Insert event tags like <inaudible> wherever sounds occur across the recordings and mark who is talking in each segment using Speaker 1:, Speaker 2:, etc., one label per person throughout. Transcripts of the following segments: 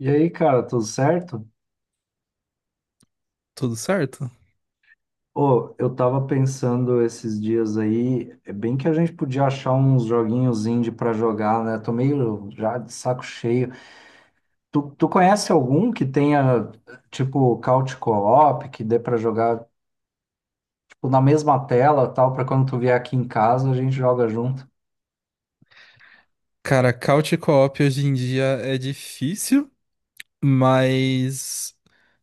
Speaker 1: E aí, cara, tudo certo?
Speaker 2: Tudo certo?
Speaker 1: Ô, eu tava pensando esses dias aí, é bem que a gente podia achar uns joguinhos indie pra jogar, né? Tô meio já de saco cheio. Tu conhece algum que tenha, tipo, couch co-op, que dê pra jogar, tipo, na mesma tela, tal, pra quando tu vier aqui em casa, a gente joga junto?
Speaker 2: Cara, couch co-op hoje em dia é difícil, mas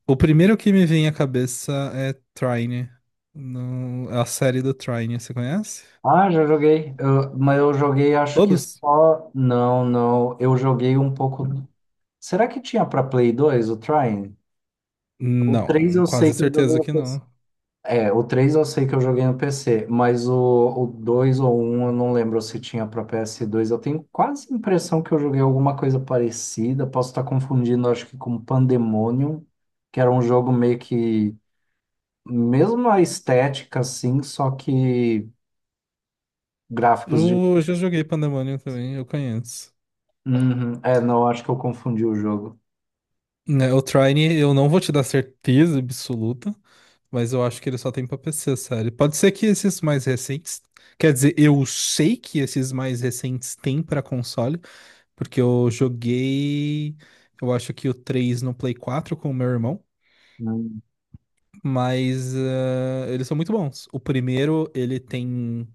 Speaker 2: o primeiro que me vem à cabeça é Trine. A série do Trine, você conhece?
Speaker 1: Ah, já joguei. Mas eu joguei, acho que
Speaker 2: Todos?
Speaker 1: só... Não, não, eu joguei um pouco... Será que tinha pra Play dois, o Trine? O 3
Speaker 2: Não,
Speaker 1: eu sei
Speaker 2: quase
Speaker 1: que eu joguei
Speaker 2: certeza
Speaker 1: no
Speaker 2: que não.
Speaker 1: é, o 3 eu sei que eu joguei no PC, mas o 2 ou um eu não lembro se tinha para PS2. Eu tenho quase a impressão que eu joguei alguma coisa parecida. Posso estar confundindo, acho que com Pandemonium, que era um jogo meio que. Mesmo a estética, assim, só que gráficos de.
Speaker 2: Eu já joguei Pandemonium também, eu conheço.
Speaker 1: Uhum. É, não, acho que eu confundi o jogo.
Speaker 2: Né, o Trine, eu não vou te dar certeza absoluta, mas eu acho que ele só tem pra PC, sério. Pode ser que esses mais recentes. Quer dizer, eu sei que esses mais recentes têm pra console. Porque eu joguei, eu acho que o 3 no Play 4 com o meu irmão,
Speaker 1: Hum.
Speaker 2: mas eles são muito bons. O primeiro, ele tem,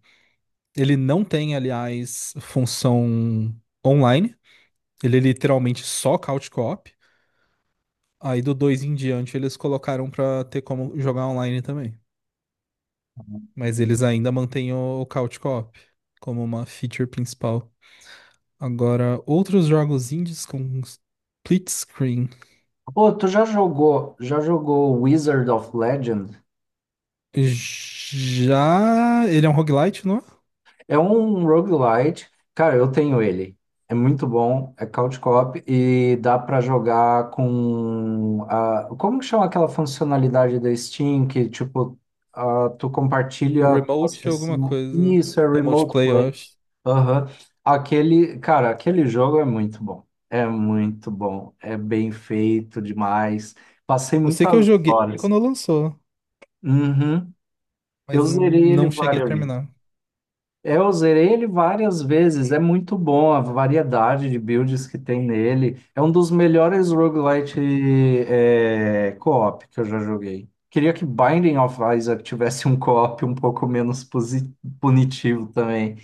Speaker 2: ele não tem, aliás, função online, ele é literalmente só couch co-op. Aí do 2 em diante eles colocaram pra ter como jogar online também, mas eles ainda mantêm o couch co-op como uma feature principal. Agora, outros jogos indies com split screen.
Speaker 1: Ô, tu já jogou Wizard of Legend?
Speaker 2: Já. Ele é um roguelite, não? É?
Speaker 1: É um roguelite. Cara, eu tenho ele. É muito bom, é couch co-op e dá pra jogar com a... Como que chama aquela funcionalidade da Steam que, tipo, ah, tu compartilha a tua
Speaker 2: Remote alguma
Speaker 1: sessão.
Speaker 2: coisa.
Speaker 1: Isso, é
Speaker 2: Remote
Speaker 1: remote play.
Speaker 2: Playoffs.
Speaker 1: Aham. Aquele, cara, aquele jogo é muito bom. É muito bom. É bem feito demais. Passei
Speaker 2: Eu sei que eu
Speaker 1: muitas
Speaker 2: joguei
Speaker 1: horas.
Speaker 2: quando lançou,
Speaker 1: Uhum. Eu
Speaker 2: mas não,
Speaker 1: zerei ele
Speaker 2: não cheguei a
Speaker 1: várias
Speaker 2: terminar.
Speaker 1: é, eu zerei ele várias vezes, é muito bom a variedade de builds que tem nele. É um dos melhores roguelite é, co-op que eu já joguei. Queria que Binding of Isaac tivesse um co-op um pouco menos punitivo também.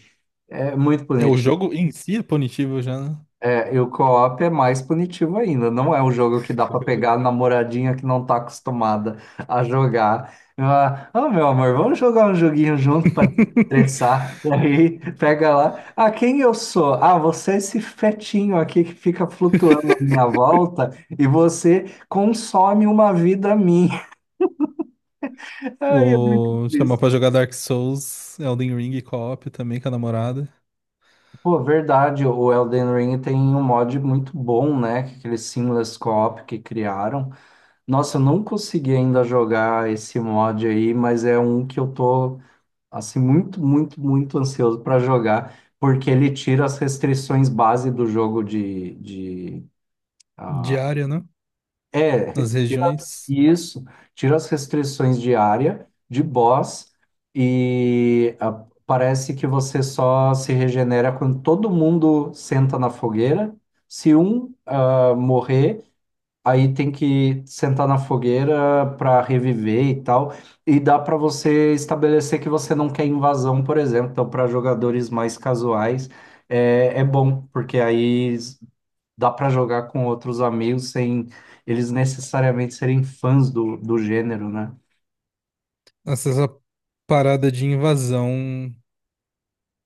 Speaker 1: É muito
Speaker 2: É, o
Speaker 1: bonito.
Speaker 2: jogo em si é punitivo já, né?
Speaker 1: É, e o co-op é mais punitivo ainda. Não é um jogo que dá pra pegar a namoradinha que não tá acostumada a jogar. Ah, "Ah, meu amor, vamos jogar um joguinho junto pra
Speaker 2: <laughs>
Speaker 1: desestressar. E aí pega lá. Ah, quem eu sou? Ah, você é esse fetinho aqui que fica flutuando à minha volta e você consome uma vida minha." <laughs> Ai, é muito
Speaker 2: Chamar
Speaker 1: triste.
Speaker 2: pra jogar Dark Souls, Elden Ring e co-op também com a namorada.
Speaker 1: Pô, verdade, o Elden Ring tem um mod muito bom, né? que Aquele seamless co-op que criaram. Nossa, eu não consegui ainda jogar esse mod aí, mas é um que eu tô assim muito, muito, muito ansioso para jogar, porque ele tira as restrições base do jogo de ah,
Speaker 2: Diária, né?
Speaker 1: é,
Speaker 2: Nas
Speaker 1: tira
Speaker 2: regiões.
Speaker 1: isso, tira as restrições de área, de boss e parece que você só se regenera quando todo mundo senta na fogueira. Se um morrer, aí tem que sentar na fogueira para reviver e tal. E dá para você estabelecer que você não quer invasão, por exemplo. Então, para jogadores mais casuais, é, é bom, porque aí dá para jogar com outros amigos sem eles necessariamente serem fãs do gênero, né?
Speaker 2: Essa parada de invasão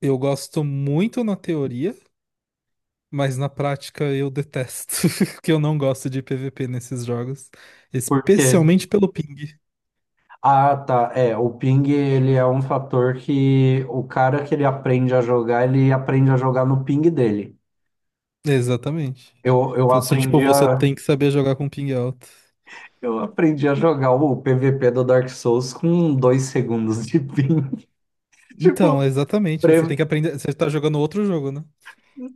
Speaker 2: eu gosto muito na teoria, mas na prática eu detesto, <laughs> porque eu não gosto de PVP nesses jogos,
Speaker 1: Por quê?
Speaker 2: especialmente pelo ping.
Speaker 1: Ah, tá. É, o ping, ele é um fator que o cara que ele aprende a jogar, ele aprende a jogar no ping dele.
Speaker 2: Exatamente.
Speaker 1: Eu
Speaker 2: Então, se tipo,
Speaker 1: aprendi
Speaker 2: você
Speaker 1: a.
Speaker 2: tem que saber jogar com ping alto.
Speaker 1: Eu aprendi a jogar o PVP do Dark Souls com dois segundos de ping. <laughs> Tipo,
Speaker 2: Então, exatamente, você tem
Speaker 1: pre-
Speaker 2: que aprender, você tá jogando outro jogo, né?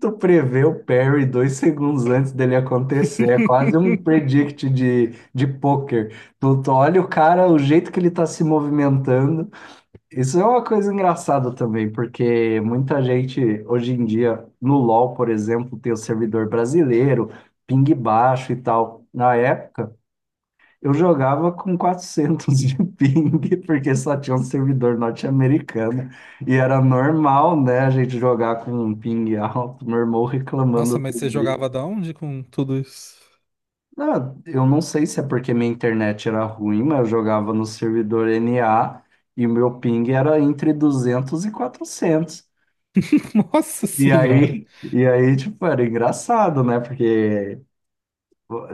Speaker 1: tu prevê o parry dois segundos antes dele acontecer. É quase um
Speaker 2: <laughs>
Speaker 1: predict de poker. Tu olha o cara, o jeito que ele tá se movimentando. Isso é uma coisa engraçada também, porque muita gente hoje em dia, no LoL, por exemplo, tem o servidor brasileiro, ping baixo e tal. Na época, eu jogava com 400 de ping, <laughs> porque só tinha um servidor norte-americano. E era normal, né, a gente jogar com um ping alto. Meu irmão reclamando
Speaker 2: Nossa, mas
Speaker 1: outro
Speaker 2: você
Speaker 1: dia.
Speaker 2: jogava da onde com tudo isso?
Speaker 1: Ah, eu não sei se é porque minha internet era ruim, mas eu jogava no servidor NA e o meu ping era entre 200 e 400.
Speaker 2: <laughs> Nossa
Speaker 1: E
Speaker 2: senhora.
Speaker 1: aí, e aí, tipo, era engraçado, né? Porque,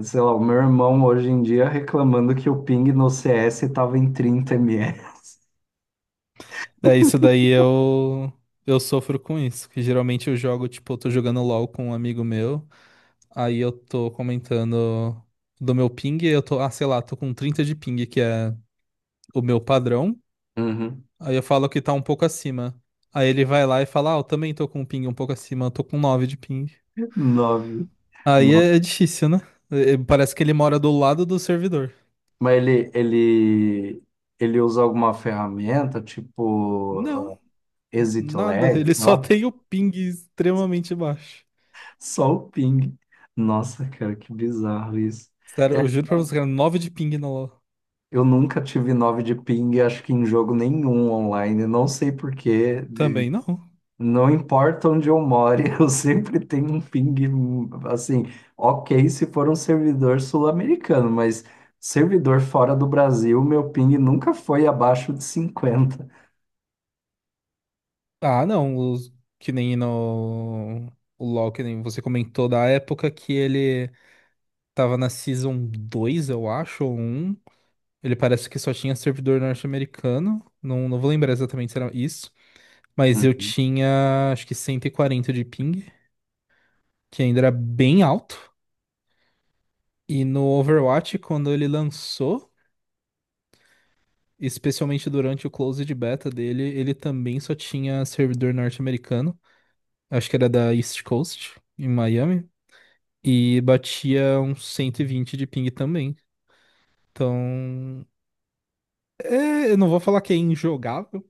Speaker 1: sei lá, o meu irmão hoje em dia reclamando que o ping no CS estava em 30 ms.
Speaker 2: É isso daí eu sofro com isso, que geralmente eu jogo, tipo, eu tô jogando LoL com um amigo meu. Aí eu tô comentando do meu ping, e eu tô, ah, sei lá, tô com 30 de ping, que é o meu padrão. Aí eu falo que tá um pouco acima. Aí ele vai lá e fala, ah, eu também tô com um ping um pouco acima, eu tô com 9 de ping.
Speaker 1: Nove.
Speaker 2: Aí
Speaker 1: Nove.
Speaker 2: é difícil, né? Parece que ele mora do lado do servidor.
Speaker 1: Mas ele usa alguma ferramenta, tipo
Speaker 2: Não,
Speaker 1: exit
Speaker 2: nada,
Speaker 1: lag, sei
Speaker 2: ele só
Speaker 1: lá.
Speaker 2: tem o ping extremamente baixo.
Speaker 1: Só o ping. Nossa, cara, que bizarro isso.
Speaker 2: Sério,
Speaker 1: É,
Speaker 2: eu juro pra você, cara, nove de ping no LoL.
Speaker 1: eu nunca tive nove de ping, acho que em jogo nenhum online. Não sei por quê.
Speaker 2: Também não.
Speaker 1: Não importa onde eu more, <laughs> eu sempre tenho um ping, assim, ok se for um servidor sul-americano, mas servidor fora do Brasil, meu ping nunca foi abaixo de cinquenta.
Speaker 2: Ah, não, que nem no... O LoL, que nem você comentou da época que ele tava na Season 2, eu acho, ou um. Ele parece que só tinha servidor norte-americano. Não, não vou lembrar exatamente se era isso. Mas eu
Speaker 1: Uhum.
Speaker 2: tinha, acho que 140 de ping, que ainda era bem alto. E no Overwatch, quando ele lançou, especialmente durante o closed beta dele, ele também só tinha servidor norte-americano. Acho que era da East Coast, em Miami. E batia uns 120 de ping também. Então, é, eu não vou falar que é injogável,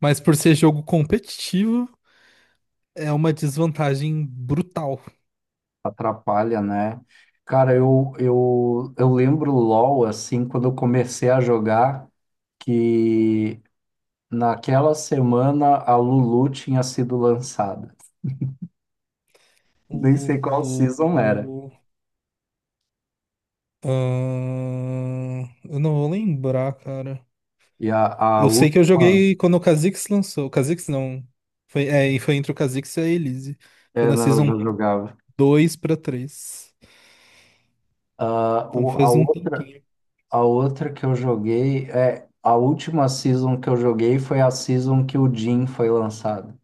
Speaker 2: mas por ser jogo competitivo, é uma desvantagem brutal.
Speaker 1: Atrapalha, né? Cara, eu lembro LOL, assim, quando eu comecei a jogar, que naquela semana a Lulu tinha sido lançada. <laughs> Nem sei qual
Speaker 2: Lulu.
Speaker 1: season era.
Speaker 2: ahn, eu não vou lembrar, cara.
Speaker 1: E a
Speaker 2: Eu sei que eu
Speaker 1: última,
Speaker 2: joguei quando o Kha'Zix lançou. O Kha'Zix não. Foi, é, e foi entre o Kha'Zix e a Elise. Foi
Speaker 1: é,
Speaker 2: na
Speaker 1: não, eu
Speaker 2: Season
Speaker 1: já jogava.
Speaker 2: 2 pra 3.
Speaker 1: Ah,
Speaker 2: Então
Speaker 1: o,
Speaker 2: faz um tempinho.
Speaker 1: a outra que eu joguei, é, a última season que eu joguei foi a season que o Jhin foi lançado.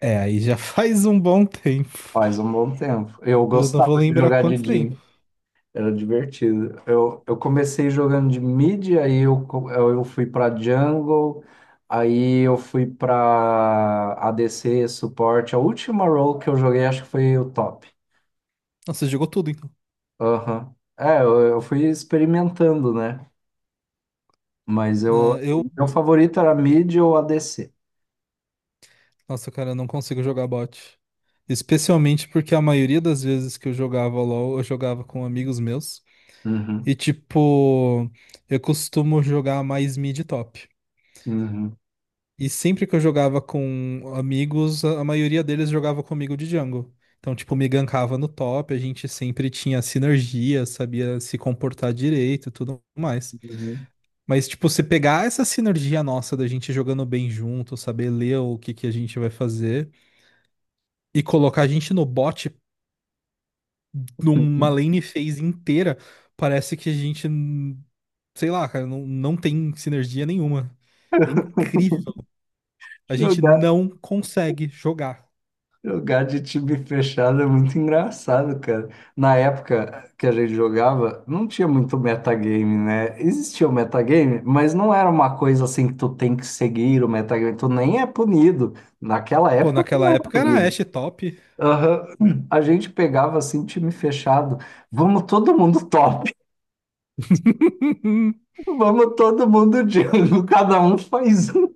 Speaker 2: É, aí já <laughs> faz um bom tempo.
Speaker 1: Faz um bom tempo. Eu
Speaker 2: Eu não vou
Speaker 1: gostava de
Speaker 2: lembrar
Speaker 1: jogar de
Speaker 2: quanto tempo.
Speaker 1: Jhin. Era divertido. Eu comecei jogando de mid, aí eu, eu fui pra jungle, aí eu fui pra ADC, suporte. A última role que eu joguei acho que foi o top.
Speaker 2: Nossa, você jogou tudo, então.
Speaker 1: Aham. É, eu fui experimentando, né? Mas
Speaker 2: Ah,
Speaker 1: eu,
Speaker 2: eu
Speaker 1: o meu favorito era mid ou ADC.
Speaker 2: Nossa, cara, eu não consigo jogar bot. Especialmente porque a maioria das vezes que eu jogava LoL, eu jogava com amigos meus.
Speaker 1: Uhum.
Speaker 2: E, tipo, eu costumo jogar mais mid top.
Speaker 1: Uhum.
Speaker 2: E sempre que eu jogava com amigos, a maioria deles jogava comigo de jungle. Então, tipo, me gankava no top, a gente sempre tinha sinergia, sabia se comportar direito e tudo mais.
Speaker 1: Uhum.
Speaker 2: Mas, tipo, se pegar essa sinergia nossa da gente jogando bem junto, saber ler o que que a gente vai fazer e colocar a gente no bot numa lane phase inteira, parece que a gente, sei lá, cara, não, não tem sinergia nenhuma. É incrível. A gente não consegue jogar.
Speaker 1: Jogar de time fechado é muito engraçado, cara. Na época que a gente jogava, não tinha muito metagame, né? Existia o metagame, mas não era uma coisa assim que tu tem que seguir o metagame, tu nem é punido. Naquela
Speaker 2: Pô,
Speaker 1: época, tu
Speaker 2: naquela
Speaker 1: não era
Speaker 2: época era
Speaker 1: punido.
Speaker 2: Ashe top.
Speaker 1: Aham. A gente pegava assim, time fechado. Vamos todo mundo top,
Speaker 2: <laughs>
Speaker 1: <laughs> vamos todo mundo jungle, <laughs> cada um faz um.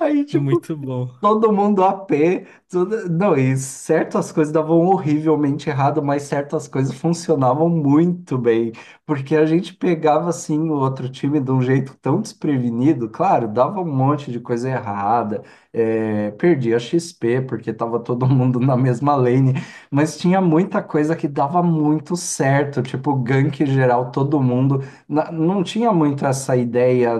Speaker 1: Aí, tipo,
Speaker 2: Muito bom.
Speaker 1: todo mundo a pé, tudo... Não, e certas coisas davam horrivelmente errado, mas certas coisas funcionavam muito bem, porque a gente pegava assim o outro time de um jeito tão desprevenido, claro, dava um monte de coisa errada, é, perdia XP porque tava todo <laughs> mundo na mesma lane, mas tinha muita coisa que dava muito certo, tipo gank geral, todo mundo. Não tinha muito essa ideia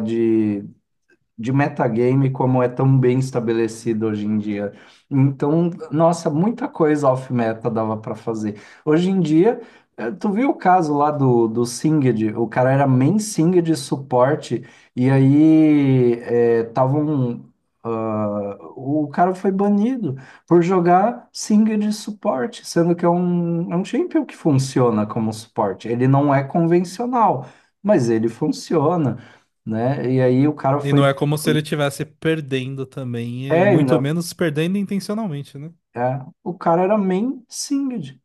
Speaker 1: de metagame como é tão bem estabelecido hoje em dia. Então, nossa, muita coisa off-meta dava para fazer. Hoje em dia, eh, tu viu o caso lá do Singed, o cara era main Singed suporte, e aí é, tava um, ah, o cara foi banido por jogar Singed suporte, sendo que é um champion que funciona como suporte. Ele não é convencional, mas ele funciona, né? E aí o cara
Speaker 2: E não
Speaker 1: foi
Speaker 2: é como se ele estivesse perdendo também,
Speaker 1: é,
Speaker 2: e muito
Speaker 1: ainda.
Speaker 2: menos perdendo intencionalmente, né?
Speaker 1: É. O cara era main singed.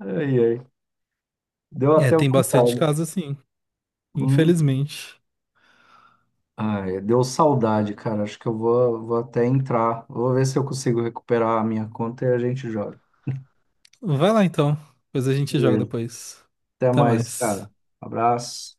Speaker 1: Ai, ai. Deu
Speaker 2: É,
Speaker 1: até
Speaker 2: tem bastante
Speaker 1: vontade.
Speaker 2: caso assim,
Speaker 1: Hum.
Speaker 2: infelizmente.
Speaker 1: Ai, deu saudade, cara. Acho que eu vou, vou até entrar. Vou ver se eu consigo recuperar a minha conta e a gente joga.
Speaker 2: Vai lá então, depois a gente joga
Speaker 1: Beleza.
Speaker 2: depois.
Speaker 1: Até
Speaker 2: Até
Speaker 1: mais,
Speaker 2: mais.
Speaker 1: cara. Abraço.